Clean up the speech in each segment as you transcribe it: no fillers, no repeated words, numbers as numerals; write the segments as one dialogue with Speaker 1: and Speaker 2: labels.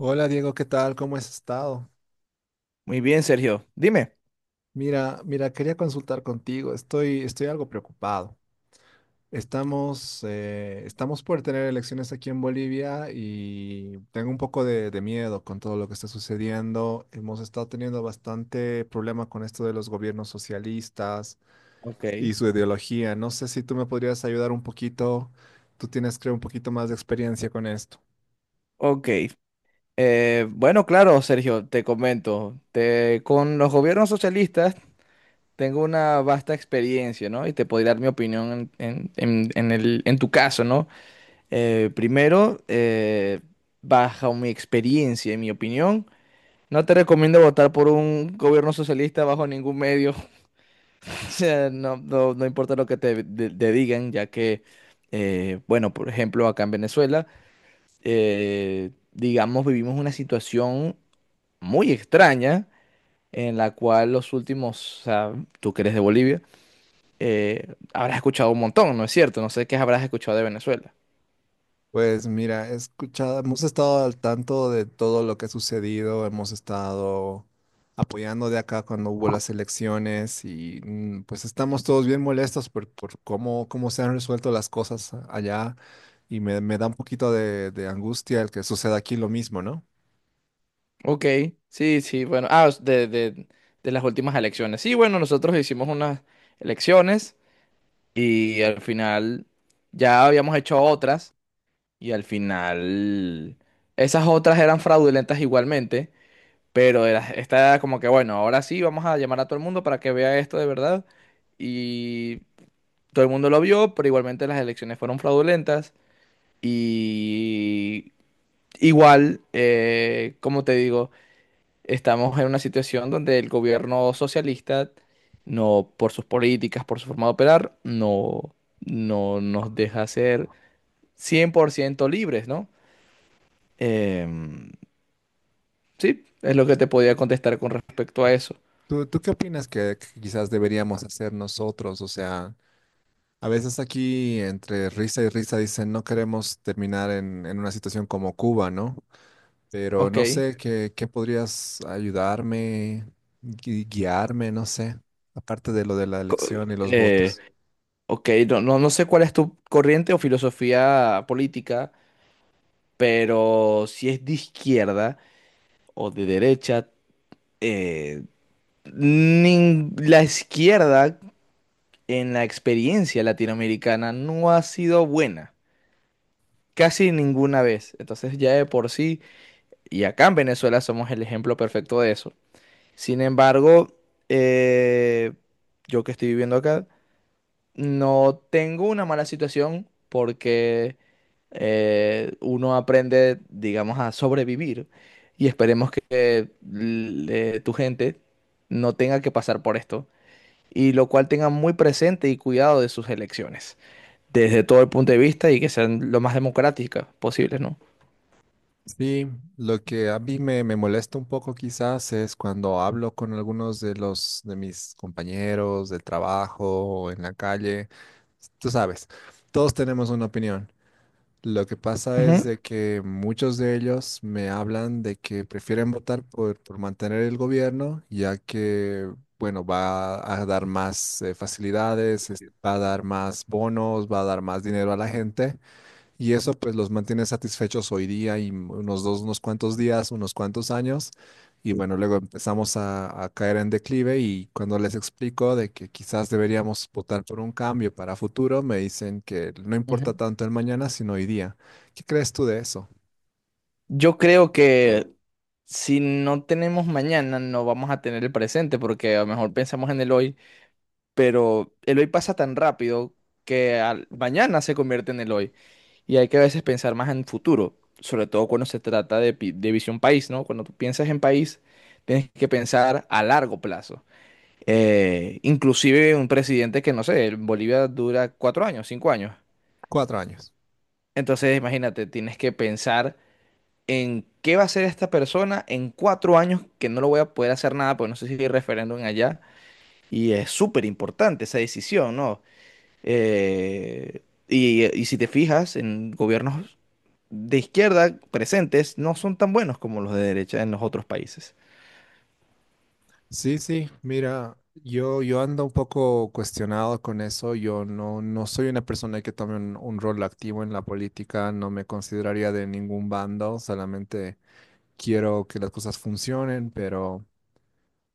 Speaker 1: Hola Diego, ¿qué tal? ¿Cómo has estado?
Speaker 2: Muy bien, Sergio. Dime.
Speaker 1: Mira, quería consultar contigo. Estoy algo preocupado. Estamos por tener elecciones aquí en Bolivia y tengo un poco de miedo con todo lo que está sucediendo. Hemos estado teniendo bastante problema con esto de los gobiernos socialistas
Speaker 2: Ok.
Speaker 1: y su ideología. No sé si tú me podrías ayudar un poquito. Tú tienes, creo, un poquito más de experiencia con esto.
Speaker 2: Ok. Bueno, claro, Sergio, te comento. Con los gobiernos socialistas tengo una vasta experiencia, ¿no? Y te podría dar mi opinión en tu caso, ¿no? Primero, bajo mi experiencia y mi opinión, no te recomiendo votar por un gobierno socialista bajo ningún medio. O sea, no importa lo que te digan, ya que, bueno, por ejemplo, acá en Venezuela. Digamos, vivimos una situación muy extraña en la cual los últimos, o sea, tú que eres de Bolivia, habrás escuchado un montón, ¿no es cierto? No sé qué habrás escuchado de Venezuela.
Speaker 1: Pues mira, he escuchado, hemos estado al tanto de todo lo que ha sucedido, hemos estado apoyando de acá cuando hubo las elecciones y mm, pues estamos todos bien molestos por cómo, cómo se han resuelto las cosas allá y me da un poquito de angustia el que suceda aquí lo mismo, ¿no?
Speaker 2: Ok, sí, sí, bueno, ah, de las últimas elecciones. Sí, bueno, nosotros hicimos unas elecciones y al final ya habíamos hecho otras, y al final esas otras eran fraudulentas igualmente. Está como que, bueno, ahora sí vamos a llamar a todo el mundo para que vea esto de verdad. Y todo el mundo lo vio, pero igualmente las elecciones fueron fraudulentas. Y igual, como te digo, estamos en una situación donde el gobierno socialista, no por sus políticas, por su forma de operar, no, no nos deja ser 100% libres, ¿no? Em, sí, es lo que te podía
Speaker 1: Y
Speaker 2: contestar con respecto a eso.
Speaker 1: ¿Tú qué opinas que quizás deberíamos hacer nosotros? O sea, a veces aquí entre risa y risa dicen no queremos terminar en una situación como Cuba, ¿no? Pero
Speaker 2: Ok.
Speaker 1: no sé qué, qué podrías ayudarme, guiarme, no sé, aparte de lo de la
Speaker 2: Co-
Speaker 1: elección y los
Speaker 2: eh,
Speaker 1: votos.
Speaker 2: ok, no, no, no sé cuál es tu corriente o filosofía política, pero si es de izquierda o de derecha, eh, la izquierda en la experiencia latinoamericana no ha sido buena, casi ninguna vez. Entonces ya de por sí, y acá en Venezuela somos el ejemplo perfecto de eso. Sin embargo, eh, yo que estoy viviendo acá no tengo una mala situación porque uno aprende, digamos, a sobrevivir y esperemos que tu gente no tenga que pasar por esto y lo cual tenga muy presente y cuidado de sus elecciones desde todo el punto de vista y que sean lo más democráticas posibles, ¿no?
Speaker 1: Sí, lo que a mí me molesta un poco quizás es cuando hablo con algunos de los de mis compañeros del trabajo o en la calle. Tú sabes, todos tenemos una opinión. Lo que pasa es
Speaker 2: Ujú.
Speaker 1: de que muchos de ellos me hablan de que prefieren votar por mantener el gobierno, ya que, bueno, va a dar más facilidades, va a dar más bonos, va a dar más dinero a la gente. Y eso pues los mantiene satisfechos hoy día y unos dos, unos cuantos días, unos cuantos años. Y bueno, luego empezamos a caer en declive y cuando les explico de que quizás deberíamos votar por un cambio para futuro, me dicen que no importa
Speaker 2: Ujú.
Speaker 1: tanto el mañana, sino hoy día. ¿Qué crees tú de eso?
Speaker 2: Yo creo que si no tenemos mañana, no vamos a tener el presente porque a lo mejor pensamos en el hoy. Pero el hoy pasa tan rápido que mañana se convierte en el hoy, y hay que a veces pensar más en futuro, sobre todo cuando se trata de, de visión país, ¿no? Cuando tú piensas en país, tienes que pensar a largo plazo. Inclusive un presidente que, no sé, en Bolivia dura cuatro años, cinco años.
Speaker 1: 4 años.
Speaker 2: Entonces, imagínate, tienes que pensar en qué va a hacer esta persona en cuatro años, que no lo voy a poder hacer nada, porque no sé si hay referéndum allá. Y es súper importante esa decisión, ¿no? Eh, y si te fijas, en gobiernos de izquierda presentes no son tan buenos como los de derecha en los otros países.
Speaker 1: Sí, sí, mira, yo ando un poco cuestionado con eso. Yo no, no soy una persona que tome un rol activo en la política, no me consideraría de ningún bando, solamente quiero que las cosas funcionen, pero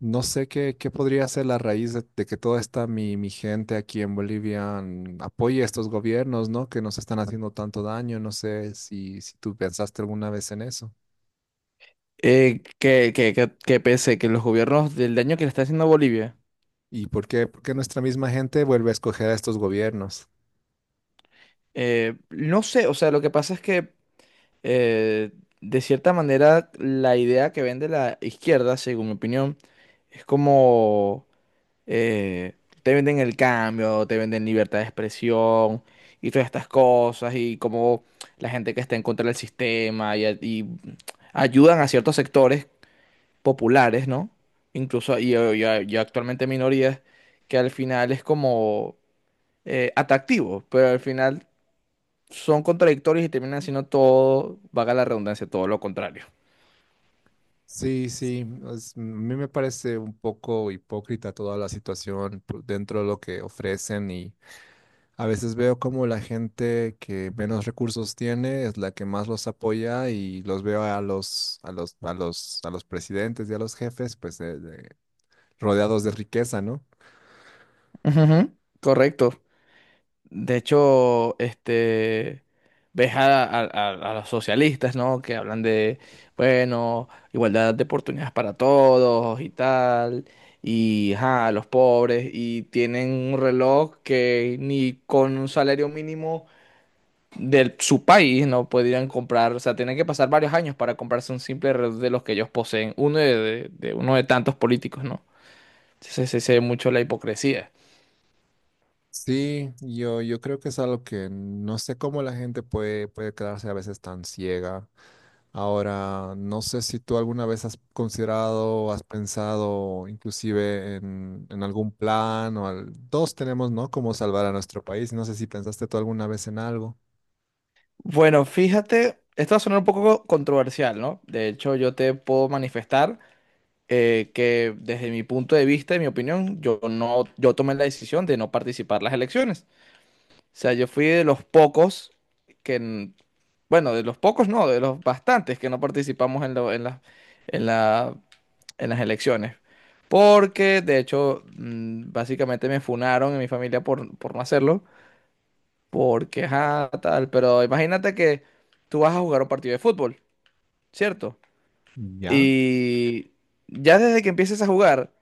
Speaker 1: no sé qué, qué podría ser la raíz de que toda esta mi gente aquí en Bolivia mm, apoye a estos gobiernos, ¿no? Que nos están haciendo tanto daño. No sé si, si tú pensaste alguna vez en eso.
Speaker 2: Que pese que los gobiernos del daño que le está haciendo a Bolivia,
Speaker 1: ¿Y por qué nuestra misma gente vuelve a escoger a estos gobiernos?
Speaker 2: no sé, o sea, lo que pasa es que eh, de cierta manera la idea que vende la izquierda, según mi opinión, es como eh, te venden el cambio, te venden libertad de expresión y todas estas cosas, y como la gente que está en contra del sistema y ayudan a ciertos sectores populares, ¿no? Incluso y, y- y actualmente minorías que al final es como atractivo, pero al final son contradictorios y terminan siendo todo, vaga la redundancia, todo lo contrario.
Speaker 1: Sí, sí, es- a mí me parece un poco hipócrita toda la situación por- dentro de lo que ofrecen y a veces veo como la gente que menos recursos tiene es la que más los apoya y los veo a los, a los, a los, a los presidentes y a los jefes, pues rodeados de riqueza, ¿no?
Speaker 2: Ujú, correcto. De hecho, este, ves a los socialistas, ¿no? Que hablan de, bueno, igualdad de oportunidades para todos y tal, y ajá, a los pobres, y tienen un reloj que ni con un salario mínimo de su país no podrían comprar, o sea, tienen que pasar varios años para comprarse un simple reloj de los que ellos poseen, de uno de tantos políticos, ¿no? Entonces se ve mucho la hipocresía.
Speaker 1: Sí, yo creo que es algo que no sé cómo la gente puede, puede quedarse a veces tan ciega. Ahora, no sé si tú alguna vez has considerado, has pensado inclusive en algún plan o al, todos tenemos, ¿no? Cómo salvar a nuestro país. No sé si pensaste tú alguna vez en algo.
Speaker 2: Bueno, fíjate, esto va a sonar un poco controversial, ¿no? De hecho, yo te puedo manifestar que desde mi punto de vista y mi opinión, yo no, yo tomé la decisión de no participar en las elecciones. O sea, yo fui de los pocos que, n- bueno, de los pocos no, de los bastantes que no participamos en en la, en las elecciones. Porque, de hecho, básicamente me funaron en mi familia por no hacerlo. Porque, ajá, tal, pero imagínate que tú vas a jugar un partido de fútbol, ¿cierto?
Speaker 1: ¿Ya?
Speaker 2: Y ya desde que empieces a jugar,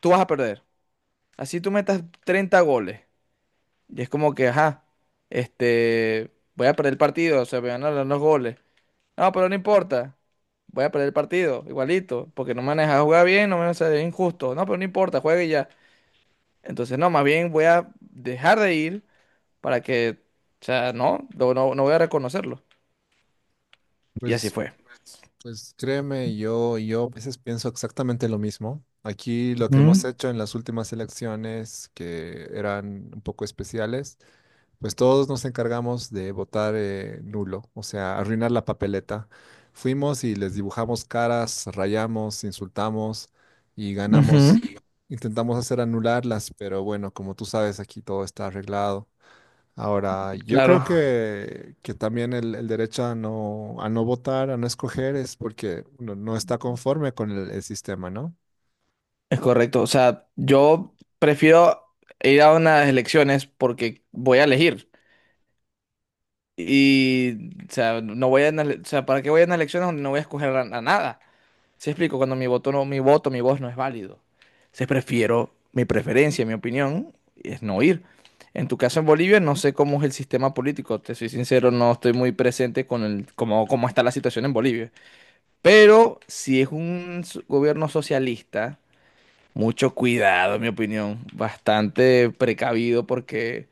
Speaker 2: tú vas a perder. Así tú metas 30 goles. Y es como que, ajá, este, voy a perder el partido, o sea, me van a dar los goles. No, pero no importa. Voy a perder el partido, igualito, porque no me han dejado jugar bien, no me han es injusto. No, pero no importa, juegue ya. Entonces, no, más bien voy a dejar de ir para que, o sea, no, no, no voy a reconocerlo. Y así
Speaker 1: Pues,
Speaker 2: fue.
Speaker 1: pues créeme, yo a veces pienso exactamente lo mismo. Aquí lo que hemos
Speaker 2: Ujú,
Speaker 1: hecho en las últimas elecciones, que eran un poco especiales, pues todos nos encargamos de votar nulo, o sea, arruinar la papeleta. Fuimos y les dibujamos caras, rayamos, insultamos y
Speaker 2: ujú,
Speaker 1: ganamos. Intentamos hacer anularlas, pero bueno, como tú sabes, aquí todo está arreglado. Ahora, yo creo
Speaker 2: claro,
Speaker 1: que también el derecho a no votar, a no escoger, es porque no, no está conforme con el sistema, ¿no?
Speaker 2: es correcto. O sea, yo prefiero ir a unas elecciones porque voy a elegir. Y, o sea, no voy a, unas ele- o sea, ¿para qué voy a unas elecciones donde no voy a escoger a nada? ¿Se explico? Cuando mi voto no, mi voto, mi voz no es válido. Se prefiero, mi preferencia, mi opinión, es no ir. En tu caso en Bolivia, no sé cómo es el sistema político. Te soy sincero, no estoy muy presente con el, cómo, cómo está la situación en Bolivia. Pero si es un gobierno socialista. Mucho cuidado, en mi opinión. Bastante precavido porque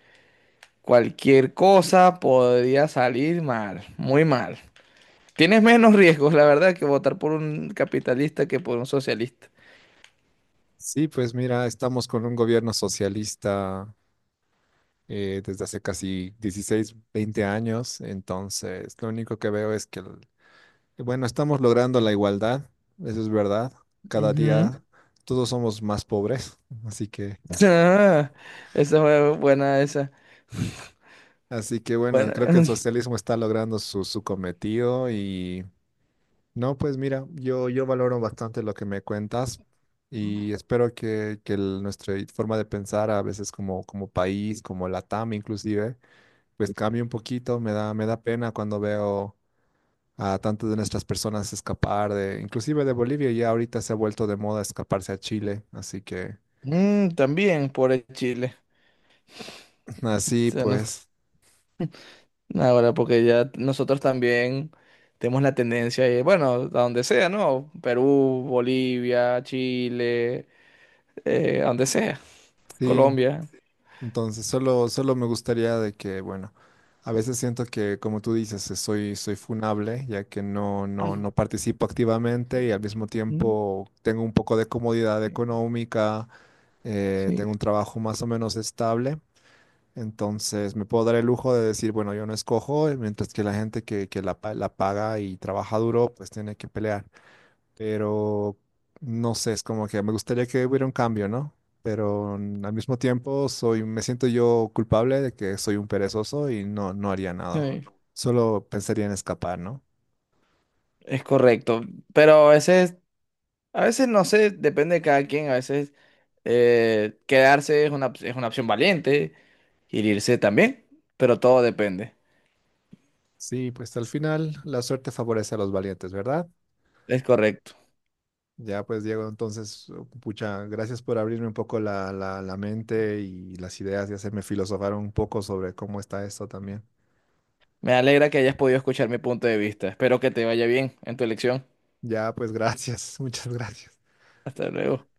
Speaker 2: cualquier cosa podría salir mal, muy mal. Tienes menos riesgos, la verdad, que votar por un capitalista que por un socialista.
Speaker 1: Sí, pues mira, estamos con un gobierno socialista desde hace casi 16 20 años, entonces lo único que veo es que, bueno, estamos logrando la igualdad, eso es verdad, cada
Speaker 2: Ujú.
Speaker 1: día todos somos más pobres, así que,
Speaker 2: Ah, esa fue buena, esa.
Speaker 1: así que bueno,
Speaker 2: Bueno,
Speaker 1: creo que el socialismo está logrando su cometido. No, pues mira, yo valoro bastante lo que me cuentas y espero que nuestra forma de pensar a veces como, como país, como Latam inclusive, pues cambie un poquito. Me da pena cuando veo a tantas de nuestras personas escapar de, inclusive de Bolivia, ya ahorita se ha vuelto de moda escaparse a Chile. Así que,
Speaker 2: también por el Chile. O
Speaker 1: así
Speaker 2: sea, nos-
Speaker 1: pues,
Speaker 2: Ahora, porque ya nosotros también tenemos la tendencia, de, bueno, a donde sea, ¿no? Perú, Bolivia, Chile, a donde sea.
Speaker 1: sí.
Speaker 2: Colombia.
Speaker 1: Entonces, solo, solo me gustaría de que, bueno, a veces siento que, como tú dices, soy, soy funable, ya que no, no, no participo activamente y al mismo
Speaker 2: Sí,
Speaker 1: tiempo tengo un poco de comodidad económica,
Speaker 2: sí,
Speaker 1: tengo un trabajo más o menos estable. Entonces, me puedo dar el lujo de decir, bueno, yo no escojo, mientras que la gente que la, la paga y trabaja duro, pues tiene que pelear, pero no sé, es como que me gustaría que hubiera un cambio, ¿no? Pero mm, al mismo tiempo soy, me siento yo culpable de que soy un perezoso y no, no haría nada. Solo pensaría en escapar, ¿no?
Speaker 2: es correcto. Pero a veces no sé, depende de cada quien. A veces quedarse es es una opción valiente, y irse también, pero todo depende.
Speaker 1: Sí, pues al final la suerte favorece a los valientes, ¿verdad?
Speaker 2: Es correcto.
Speaker 1: Ya pues Diego, entonces, oh, pucha, gracias por abrirme un poco la, la, la mente y las ideas y hacerme filosofar un poco sobre cómo está esto también.
Speaker 2: Me alegra que hayas podido escuchar mi punto de vista. Espero que te vaya bien en tu elección.
Speaker 1: Ya pues gracias, muchas gracias.
Speaker 2: Hasta luego.